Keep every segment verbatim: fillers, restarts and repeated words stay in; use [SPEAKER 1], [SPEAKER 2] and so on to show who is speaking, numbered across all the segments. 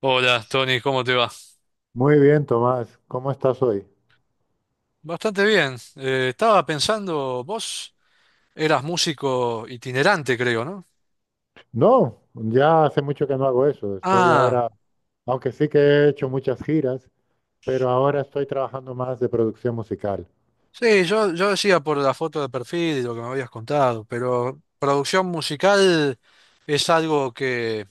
[SPEAKER 1] Hola, Tony, ¿cómo te va?
[SPEAKER 2] Muy bien, Tomás. ¿Cómo estás hoy?
[SPEAKER 1] Bastante bien. Eh, estaba pensando, vos eras músico itinerante, creo, ¿no?
[SPEAKER 2] No, ya hace mucho que no hago eso. Estoy
[SPEAKER 1] Ah,
[SPEAKER 2] ahora, aunque sí que he hecho muchas giras, pero ahora estoy trabajando más de producción musical.
[SPEAKER 1] sí, yo, yo decía por la foto de perfil y lo que me habías contado, pero producción musical es algo que,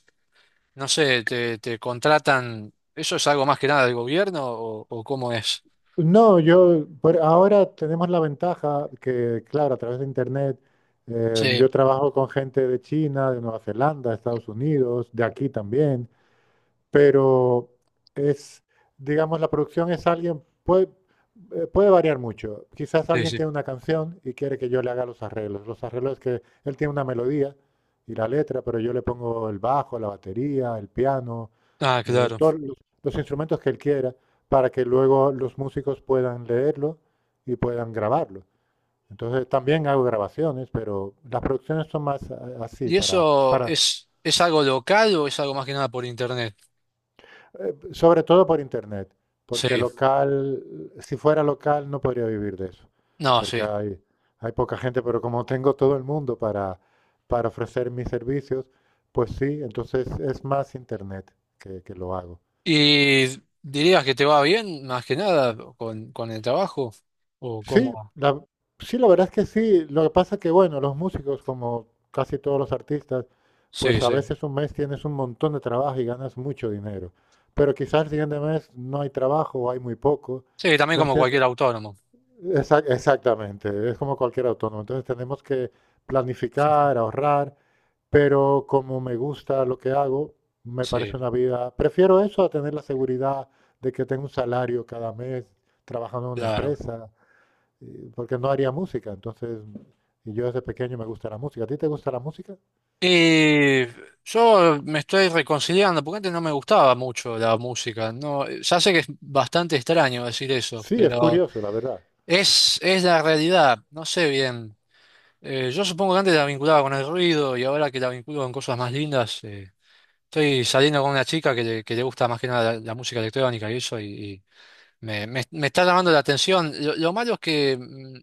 [SPEAKER 1] no sé, te, te contratan, ¿eso es algo más que nada del gobierno o, o cómo es?
[SPEAKER 2] No, yo, por ahora tenemos la ventaja que, claro, a través de internet, eh, yo
[SPEAKER 1] Sí,
[SPEAKER 2] trabajo con gente de China, de Nueva Zelanda, Estados Unidos, de aquí también. Pero es, digamos, la producción es alguien, puede, eh, puede variar mucho. Quizás
[SPEAKER 1] sí,
[SPEAKER 2] alguien
[SPEAKER 1] sí.
[SPEAKER 2] tiene una canción y quiere que yo le haga los arreglos. Los arreglos es que él tiene una melodía y la letra, pero yo le pongo el bajo, la batería, el piano,
[SPEAKER 1] Ah,
[SPEAKER 2] eh,
[SPEAKER 1] claro.
[SPEAKER 2] todos los, los instrumentos que él quiera, para que luego los músicos puedan leerlo y puedan grabarlo. Entonces también hago grabaciones, pero las producciones son más eh, así,
[SPEAKER 1] ¿Y
[SPEAKER 2] para,
[SPEAKER 1] eso
[SPEAKER 2] para,
[SPEAKER 1] es, es algo local o es algo más que nada por internet?
[SPEAKER 2] Eh, sobre todo por internet,
[SPEAKER 1] Sí,
[SPEAKER 2] porque local, si fuera local no podría vivir de eso,
[SPEAKER 1] no,
[SPEAKER 2] porque
[SPEAKER 1] sí.
[SPEAKER 2] hay, hay poca gente, pero como tengo todo el mundo para, para, ofrecer mis servicios, pues sí, entonces es más internet que, que lo hago.
[SPEAKER 1] ¿Y dirías que te va bien, más que nada, con, con el trabajo? ¿O
[SPEAKER 2] Sí,
[SPEAKER 1] cómo?
[SPEAKER 2] la, sí, la verdad es que sí, lo que pasa es que, bueno, los músicos, como casi todos los artistas,
[SPEAKER 1] Sí,
[SPEAKER 2] pues a
[SPEAKER 1] sí.
[SPEAKER 2] veces un mes tienes un montón de trabajo y ganas mucho dinero, pero quizás el siguiente mes no hay trabajo o hay muy poco,
[SPEAKER 1] Sí, también
[SPEAKER 2] entonces
[SPEAKER 1] como
[SPEAKER 2] tienes.
[SPEAKER 1] cualquier autónomo.
[SPEAKER 2] Exa- Exactamente, es como cualquier autónomo. Entonces tenemos que planificar, ahorrar, pero como me gusta lo que hago, me parece
[SPEAKER 1] Sí,
[SPEAKER 2] una vida, prefiero eso a tener la seguridad de que tengo un salario cada mes trabajando en una
[SPEAKER 1] claro.
[SPEAKER 2] empresa, y- porque no haría música. Entonces, y yo desde pequeño me gusta la música. ¿A ti te gusta la música?
[SPEAKER 1] Y yo me estoy reconciliando, porque antes no me gustaba mucho la música. No, ya sé que es bastante extraño decir eso,
[SPEAKER 2] Sí, es
[SPEAKER 1] pero
[SPEAKER 2] curioso, la verdad.
[SPEAKER 1] es, es la realidad. No sé bien. Eh, yo supongo que antes la vinculaba con el ruido y ahora que la vinculo con cosas más lindas, eh, estoy saliendo con una chica que le, que le gusta más que nada la, la música electrónica y eso, y Me, me- me está llamando la atención. Lo, lo malo es que mm,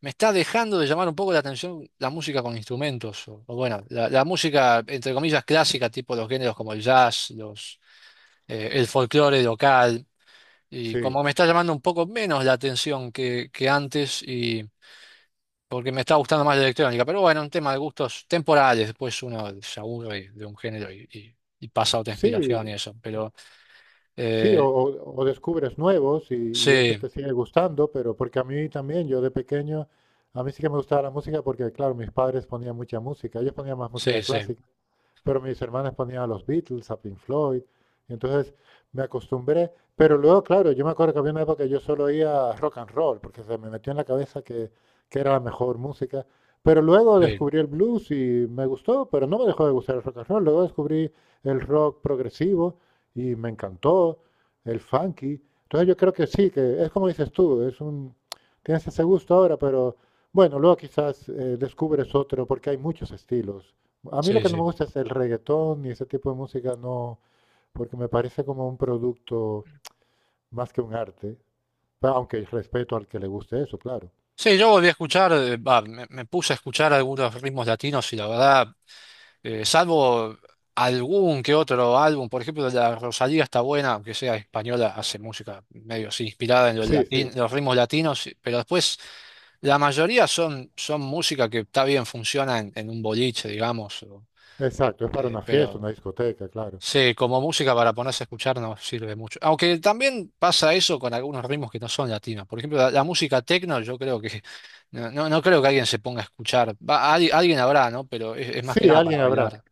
[SPEAKER 1] me está dejando de llamar un poco la atención la música con instrumentos. O, o bueno, la, la música, entre comillas, clásica, tipo los géneros como el jazz, los, eh, el folclore local. Y
[SPEAKER 2] Sí,
[SPEAKER 1] como me está llamando un poco menos la atención que, que antes, y porque me está gustando más la electrónica. Pero bueno, un tema de gustos temporales. Después uno se aburre de un género y, y- y pasa a otra inspiración y
[SPEAKER 2] sí,
[SPEAKER 1] eso. Pero
[SPEAKER 2] sí. o,
[SPEAKER 1] eh,
[SPEAKER 2] o- o descubres nuevos y, y ese
[SPEAKER 1] sí,
[SPEAKER 2] te sigue gustando, pero porque a mí también, yo de pequeño, a mí sí que me gustaba la música porque, claro, mis padres ponían mucha música, ellos ponían más
[SPEAKER 1] sí,
[SPEAKER 2] música
[SPEAKER 1] sí,
[SPEAKER 2] clásica, pero mis hermanas ponían a los Beatles, a Pink Floyd, y entonces me acostumbré, pero luego, claro, yo me acuerdo que había una época que yo solo oía rock and roll, porque se me metió en la cabeza que, que era la mejor música, pero luego
[SPEAKER 1] sí,
[SPEAKER 2] descubrí el blues y me gustó, pero no me dejó de gustar el rock and roll, luego descubrí el rock progresivo y me encantó, el funky, entonces yo creo que sí, que es como dices tú, es un, tienes ese gusto ahora, pero bueno, luego quizás eh, descubres otro, porque hay muchos estilos. A mí lo
[SPEAKER 1] sí,
[SPEAKER 2] que no me
[SPEAKER 1] sí.
[SPEAKER 2] gusta es el reggaetón y ese tipo de música, no, porque me parece como un producto más que un arte, pa- aunque respeto al que le guste eso, claro.
[SPEAKER 1] Sí, yo volví a escuchar, eh, va, me, me puse a escuchar algunos ritmos latinos y la verdad, eh, salvo algún que otro álbum, por ejemplo, la Rosalía está buena, aunque sea española, hace música medio así inspirada en los
[SPEAKER 2] Sí,
[SPEAKER 1] latin-
[SPEAKER 2] sí,
[SPEAKER 1] los ritmos latinos, pero después la mayoría son, son música que está bien, funciona en, en un boliche, digamos, o,
[SPEAKER 2] exacto, es para
[SPEAKER 1] eh,
[SPEAKER 2] una fiesta,
[SPEAKER 1] pero
[SPEAKER 2] una discoteca, claro.
[SPEAKER 1] sí, como música para ponerse a escuchar no sirve mucho. Aunque también pasa eso con algunos ritmos que no son latinos. Por ejemplo, la, la música techno, yo creo que no, no, no creo que alguien se ponga a escuchar. Va, al- alguien habrá, ¿no? Pero es, es más que
[SPEAKER 2] Sí,
[SPEAKER 1] nada para
[SPEAKER 2] alguien habrá.
[SPEAKER 1] bailar.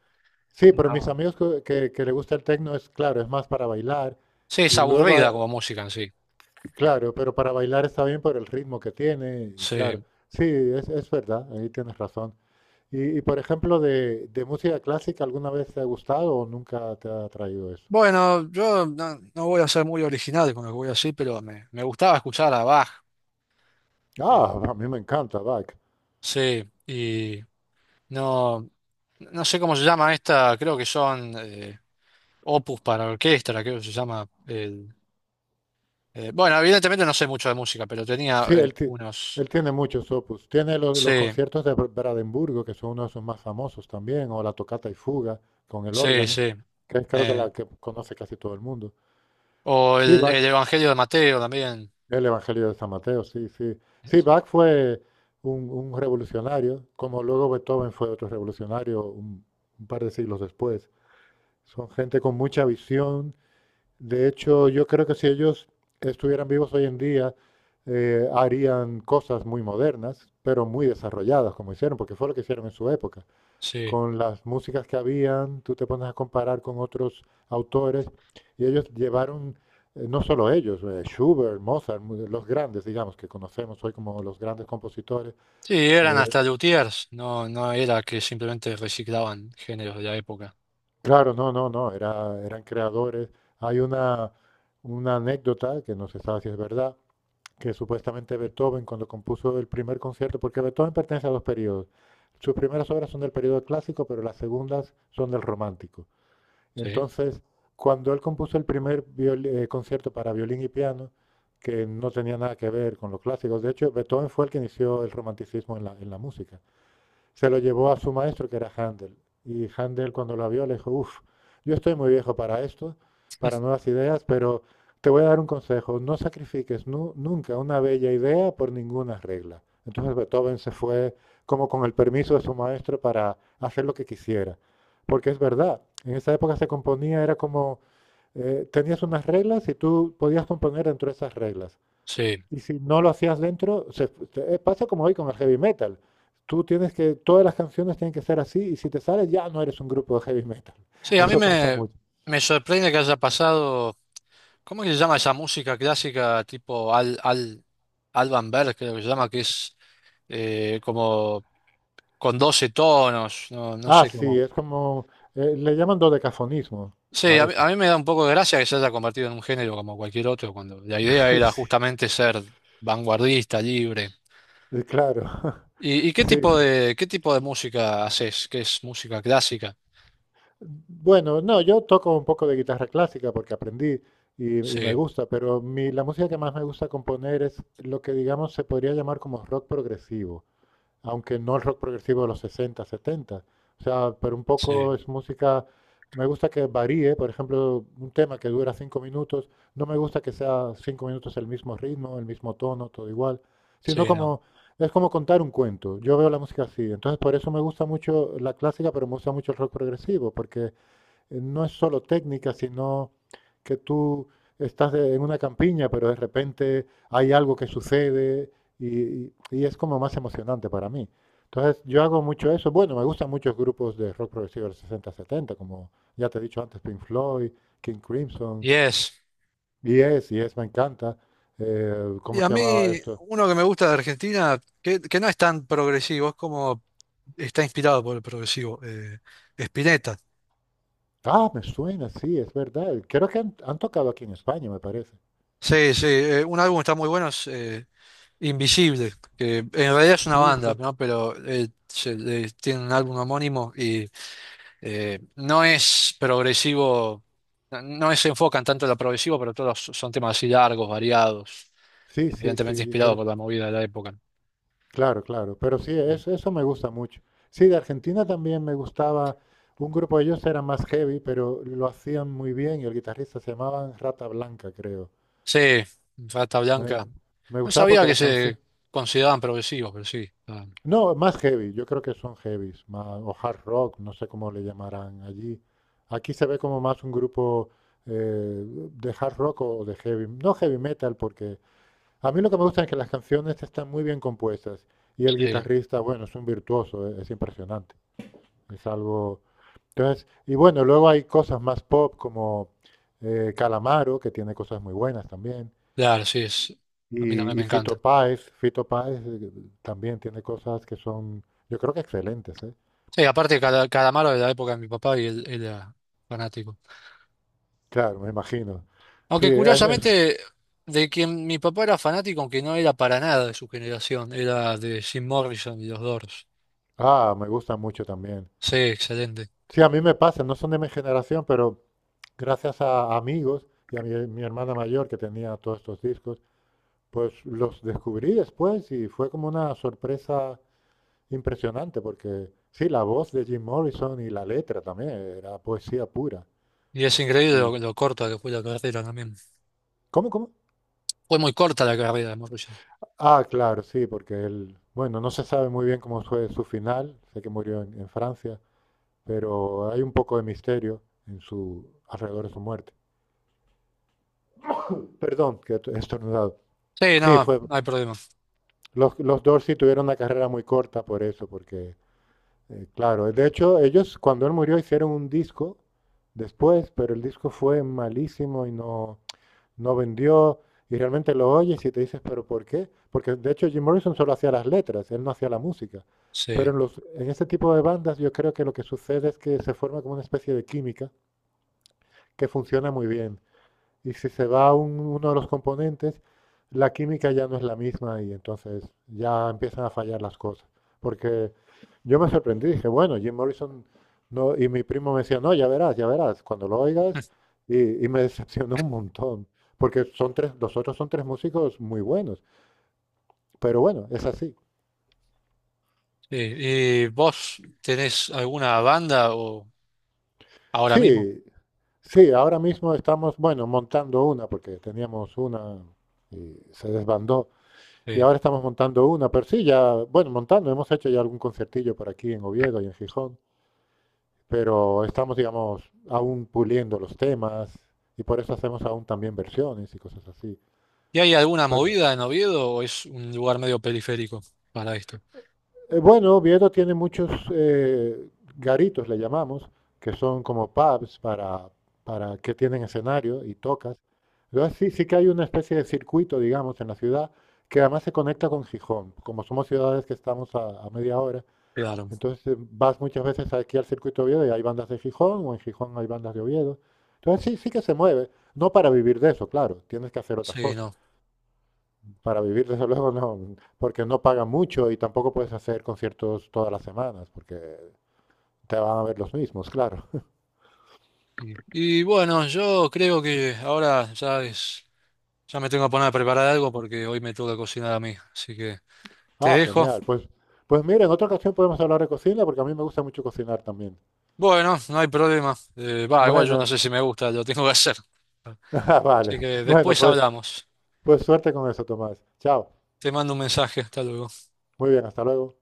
[SPEAKER 2] Sí, pero mis
[SPEAKER 1] No.
[SPEAKER 2] amigos que, que- que le gusta el techno es, claro, es más para bailar.
[SPEAKER 1] Sí, es
[SPEAKER 2] Y luego,
[SPEAKER 1] aburrida
[SPEAKER 2] ah,
[SPEAKER 1] como música en sí.
[SPEAKER 2] claro, pero para bailar está bien por el ritmo que tiene, y claro.
[SPEAKER 1] Sí.
[SPEAKER 2] Sí, es, es verdad, ahí tienes razón. Y, y, por ejemplo, de, de música clásica, ¿alguna vez te ha gustado o nunca te ha atraído eso?
[SPEAKER 1] Bueno, yo no, no voy a ser muy original con lo que voy a decir, pero me, me gustaba escuchar a Bach. eh,
[SPEAKER 2] Ah, a mí me encanta Bach.
[SPEAKER 1] sí, y no, no sé cómo se llama esta, creo que son eh, opus para orquesta, creo que se llama. Eh, bueno, evidentemente no sé mucho de música, pero tenía
[SPEAKER 2] Sí,
[SPEAKER 1] eh,
[SPEAKER 2] él, ti-
[SPEAKER 1] unos...
[SPEAKER 2] él tiene muchos opus. Tiene los, los
[SPEAKER 1] Sí,
[SPEAKER 2] conciertos de Br- Brandenburgo, que son uno de sus más famosos también, o la tocata y fuga con el
[SPEAKER 1] sí,
[SPEAKER 2] órgano,
[SPEAKER 1] sí.
[SPEAKER 2] que es creo que
[SPEAKER 1] Eh,
[SPEAKER 2] la que conoce casi todo el mundo.
[SPEAKER 1] o
[SPEAKER 2] Sí,
[SPEAKER 1] el,
[SPEAKER 2] Bach,
[SPEAKER 1] el Evangelio de Mateo también.
[SPEAKER 2] el Evangelio de San Mateo, sí, sí. Sí, Bach fue un, un revolucionario, como luego Beethoven fue otro revolucionario un un par de siglos después. Son gente con mucha visión. De hecho, yo creo que si ellos estuvieran vivos hoy en día, eh, harían cosas muy modernas, pero muy desarrolladas, como hicieron, porque fue lo que hicieron en su época.
[SPEAKER 1] Sí.
[SPEAKER 2] Con las músicas que habían, tú te pones a comparar con otros autores, y ellos llevaron, eh, no solo ellos, eh, Schubert, Mozart, mu- los grandes, digamos, que conocemos hoy como los grandes compositores.
[SPEAKER 1] Sí, eran
[SPEAKER 2] eh,
[SPEAKER 1] hasta luthiers, no, no era que simplemente reciclaban géneros de la época.
[SPEAKER 2] claro, no, no, no, era- eran creadores. Hay una, una anécdota, que no se sabe si es verdad, que supuestamente Beethoven cuando compuso el primer concierto, porque Beethoven pertenece a dos periodos. Sus primeras obras son del periodo clásico, pero las segundas son del romántico.
[SPEAKER 1] Sí,
[SPEAKER 2] Entonces, cuando él compuso el primer viol, eh, concierto para violín y piano, que no tenía nada que ver con los clásicos, de hecho, Beethoven fue el que inició el romanticismo en la, en la música. Se lo llevó a su maestro, que era Handel. Y Handel, cuando lo vio, le dijo, uff, yo estoy muy viejo para esto, para nuevas ideas, pero te voy a dar un consejo. No sacrifiques nu- nunca una bella idea por ninguna regla. Entonces Beethoven se fue como con el permiso de su maestro para hacer lo que quisiera. Porque es verdad, en esa época se componía, era como, eh, tenías unas reglas y tú podías componer dentro de esas reglas.
[SPEAKER 1] sí.
[SPEAKER 2] Y si no lo hacías dentro, se- te- eh, pasa como hoy con el heavy metal. Tú tienes que, todas las canciones tienen que ser así y si te sales ya no eres un grupo de heavy metal.
[SPEAKER 1] Sí, a mí
[SPEAKER 2] Eso pasa
[SPEAKER 1] me,
[SPEAKER 2] mucho.
[SPEAKER 1] me sorprende que haya pasado, ¿cómo que se llama esa música clásica tipo Al, Al, Alban Berg, creo que se llama, que es eh, como con doce tonos, no, no
[SPEAKER 2] Ah,
[SPEAKER 1] sé
[SPEAKER 2] sí,
[SPEAKER 1] cómo.
[SPEAKER 2] es como, eh, le llaman dodecafonismo
[SPEAKER 1] Sí,
[SPEAKER 2] a
[SPEAKER 1] a mí,
[SPEAKER 2] ese.
[SPEAKER 1] a mí me da un poco de gracia que se haya convertido en un género como cualquier otro, cuando la idea era
[SPEAKER 2] Sí,
[SPEAKER 1] justamente ser vanguardista, libre.
[SPEAKER 2] eh, claro.
[SPEAKER 1] ¿Y, y qué
[SPEAKER 2] Sí.
[SPEAKER 1] tipo
[SPEAKER 2] Sí.
[SPEAKER 1] de, qué tipo de música haces? ¿Qué es música clásica?
[SPEAKER 2] Bueno, no, yo toco un poco de guitarra clásica porque aprendí y, y me
[SPEAKER 1] Sí,
[SPEAKER 2] gusta, pero mi, la música que más me gusta componer es lo que digamos se podría llamar como rock progresivo, aunque no el rock progresivo de los sesenta, setenta. O sea, pero un poco
[SPEAKER 1] sí,
[SPEAKER 2] es música, me gusta que varíe, por ejemplo, un tema que dura cinco minutos, no me gusta que sea cinco minutos el mismo ritmo, el mismo tono, todo igual, sino
[SPEAKER 1] sí, no.
[SPEAKER 2] como, es como contar un cuento. Yo veo la música así, entonces por eso me gusta mucho la clásica, pero me gusta mucho el rock progresivo, porque eh, no es solo técnica, sino que tú estás de- en una campiña, pero de repente hay algo que sucede y, y es como más emocionante para mí. Entonces, yo hago mucho eso. Bueno, me gustan muchos grupos de rock progresivo del sesenta setenta, como ya te he dicho antes, Pink Floyd, King Crimson,
[SPEAKER 1] Yes.
[SPEAKER 2] Yes. Yes, me encanta. Eh,
[SPEAKER 1] Y
[SPEAKER 2] ¿cómo
[SPEAKER 1] a
[SPEAKER 2] se llamaba
[SPEAKER 1] mí,
[SPEAKER 2] esto?
[SPEAKER 1] uno que me gusta de Argentina, que, que no es tan progresivo, es como está inspirado por el progresivo, eh, Spinetta.
[SPEAKER 2] Ah, me suena, sí, es verdad. Creo que han, han tocado aquí en España, me parece.
[SPEAKER 1] Sí, sí, eh, un álbum está muy bueno, Invisible, que en realidad es una
[SPEAKER 2] Sí,
[SPEAKER 1] banda,
[SPEAKER 2] sí,
[SPEAKER 1] ¿no? Pero eh, se- eh, tiene un álbum homónimo y eh, no es progresivo, no no se enfocan tanto en lo progresivo, pero todos son temas así largos, variados,
[SPEAKER 2] sí, sí,
[SPEAKER 1] evidentemente
[SPEAKER 2] sí. yo
[SPEAKER 1] inspirados
[SPEAKER 2] creo-
[SPEAKER 1] por la movida de la época.
[SPEAKER 2] Claro, claro, pero sí,
[SPEAKER 1] Y-
[SPEAKER 2] es- eso me gusta mucho. Sí, de Argentina también me gustaba un grupo, ellos eran más heavy, pero lo hacían muy bien y el guitarrista se llamaba Rata Blanca, creo.
[SPEAKER 1] Sí, Rata
[SPEAKER 2] Me,
[SPEAKER 1] Blanca.
[SPEAKER 2] me
[SPEAKER 1] No
[SPEAKER 2] gustaba
[SPEAKER 1] sabía
[SPEAKER 2] porque
[SPEAKER 1] que
[SPEAKER 2] las
[SPEAKER 1] se
[SPEAKER 2] canciones.
[SPEAKER 1] consideraban progresivos, pero sí. ah,
[SPEAKER 2] No, más heavy, yo creo que son heavies, más, o hard rock, no sé cómo le llamarán allí. Aquí se ve como más un grupo eh, de hard rock o de heavy, no heavy metal, porque a mí lo que me gusta es que las canciones están muy bien compuestas y el
[SPEAKER 1] sí,
[SPEAKER 2] guitarrista, bueno, es un virtuoso, es es impresionante. Es algo. Entonces, y bueno, luego hay cosas más pop como eh, Calamaro, que tiene cosas muy buenas también.
[SPEAKER 1] claro, sí, es, a mí también
[SPEAKER 2] Y,
[SPEAKER 1] me
[SPEAKER 2] y
[SPEAKER 1] encanta.
[SPEAKER 2] Fito Páez, Fito Páez eh, también tiene cosas que son, yo creo que excelentes, ¿eh?
[SPEAKER 1] Sí, aparte, cada Calamaro de la época de mi papá y él él era fanático.
[SPEAKER 2] Claro, me imagino. Sí,
[SPEAKER 1] Aunque
[SPEAKER 2] es, es-
[SPEAKER 1] curiosamente, de quien mi papá era fanático, aunque no era para nada de su generación, era de Jim Morrison y los Doors.
[SPEAKER 2] ah, me gusta mucho también.
[SPEAKER 1] Sí, excelente.
[SPEAKER 2] Sí, a mí me pasa, no son de mi generación, pero gracias a amigos y a mi, mi hermana mayor que tenía todos estos discos, pues los descubrí después y fue como una sorpresa. Impresionante, porque sí, la voz de Jim Morrison y la letra también era poesía pura.
[SPEAKER 1] Y es increíble
[SPEAKER 2] Y-
[SPEAKER 1] lo, lo corta que fue la carrera también.
[SPEAKER 2] ¿Cómo, cómo?
[SPEAKER 1] Fue muy corta la carrera de Morrison.
[SPEAKER 2] Ah, claro, sí, porque él, bueno, no se sabe muy bien cómo fue su final, sé que murió en, en Francia, pero hay un poco de misterio en su, alrededor de su muerte. Perdón, que he estornudado.
[SPEAKER 1] Sí,
[SPEAKER 2] Sí,
[SPEAKER 1] no,
[SPEAKER 2] fue,
[SPEAKER 1] no hay problema.
[SPEAKER 2] los, los Dorsey tuvieron una carrera muy corta por eso, porque, eh, claro, de hecho, ellos cuando él murió hicieron un disco después, pero el disco fue malísimo y no... no vendió, y realmente lo oyes y te dices, ¿pero por qué? Porque de hecho Jim Morrison solo hacía las letras, él no hacía la música.
[SPEAKER 1] Sí,
[SPEAKER 2] Pero en los, en ese tipo de bandas yo creo que lo que sucede es que se forma como una especie de química que funciona muy bien. Y si se va un- uno de los componentes, la química ya no es la misma y entonces ya empiezan a fallar las cosas. Porque yo me sorprendí, dije, bueno, Jim Morrison, no, y mi primo me decía, no, ya verás, ya verás, cuando lo oigas, y, y me decepcionó un montón, porque son tres, los otros son tres músicos muy buenos, pero bueno, es así.
[SPEAKER 1] sí. ¿Y vos tenés alguna banda o ahora mismo?
[SPEAKER 2] Sí, sí, ahora mismo estamos, bueno, montando una, porque teníamos una y se desbandó. Y
[SPEAKER 1] Sí.
[SPEAKER 2] ahora estamos montando una, pero sí, ya, bueno, montando, hemos hecho ya algún concertillo por aquí en Oviedo y en Gijón, pero estamos, digamos, aún puliendo los temas y por eso hacemos aún también versiones y cosas así.
[SPEAKER 1] ¿Y hay alguna
[SPEAKER 2] Pero,
[SPEAKER 1] movida en Oviedo o es un lugar medio periférico para esto?
[SPEAKER 2] eh, bueno, Oviedo tiene muchos eh, garitos, le llamamos, que son como pubs para, para, que tienen escenario y tocas. Entonces sí, sí que hay una especie de circuito, digamos, en la ciudad que además se conecta con Gijón. Como somos ciudades que estamos a a media hora.
[SPEAKER 1] Claro.
[SPEAKER 2] Entonces eh, vas muchas veces aquí al circuito de Oviedo y hay bandas de Gijón, o en Gijón hay bandas de Oviedo. Entonces sí, sí que se mueve. No para vivir de eso, claro, tienes que hacer otras
[SPEAKER 1] Sí,
[SPEAKER 2] cosas.
[SPEAKER 1] no.
[SPEAKER 2] Para vivir, desde luego, no, porque no pagan mucho y tampoco puedes hacer conciertos todas las semanas, porque te van a ver los mismos, claro.
[SPEAKER 1] Y bueno, yo creo que ahora ya es. Ya me tengo que poner a preparar algo porque hoy me toca cocinar a mí, así que te
[SPEAKER 2] Ah,
[SPEAKER 1] dejo.
[SPEAKER 2] genial. Pues, pues mira, en otra ocasión podemos hablar de cocina, porque a mí me gusta mucho cocinar también.
[SPEAKER 1] Bueno, no hay problema. Eh, va, igual yo no
[SPEAKER 2] Bueno,
[SPEAKER 1] sé si me gusta, lo tengo que hacer.
[SPEAKER 2] ah,
[SPEAKER 1] Así
[SPEAKER 2] vale.
[SPEAKER 1] que
[SPEAKER 2] Bueno,
[SPEAKER 1] después
[SPEAKER 2] pues,
[SPEAKER 1] hablamos.
[SPEAKER 2] pues suerte con eso, Tomás. Chao.
[SPEAKER 1] Te mando un mensaje, hasta luego.
[SPEAKER 2] Muy bien, hasta luego.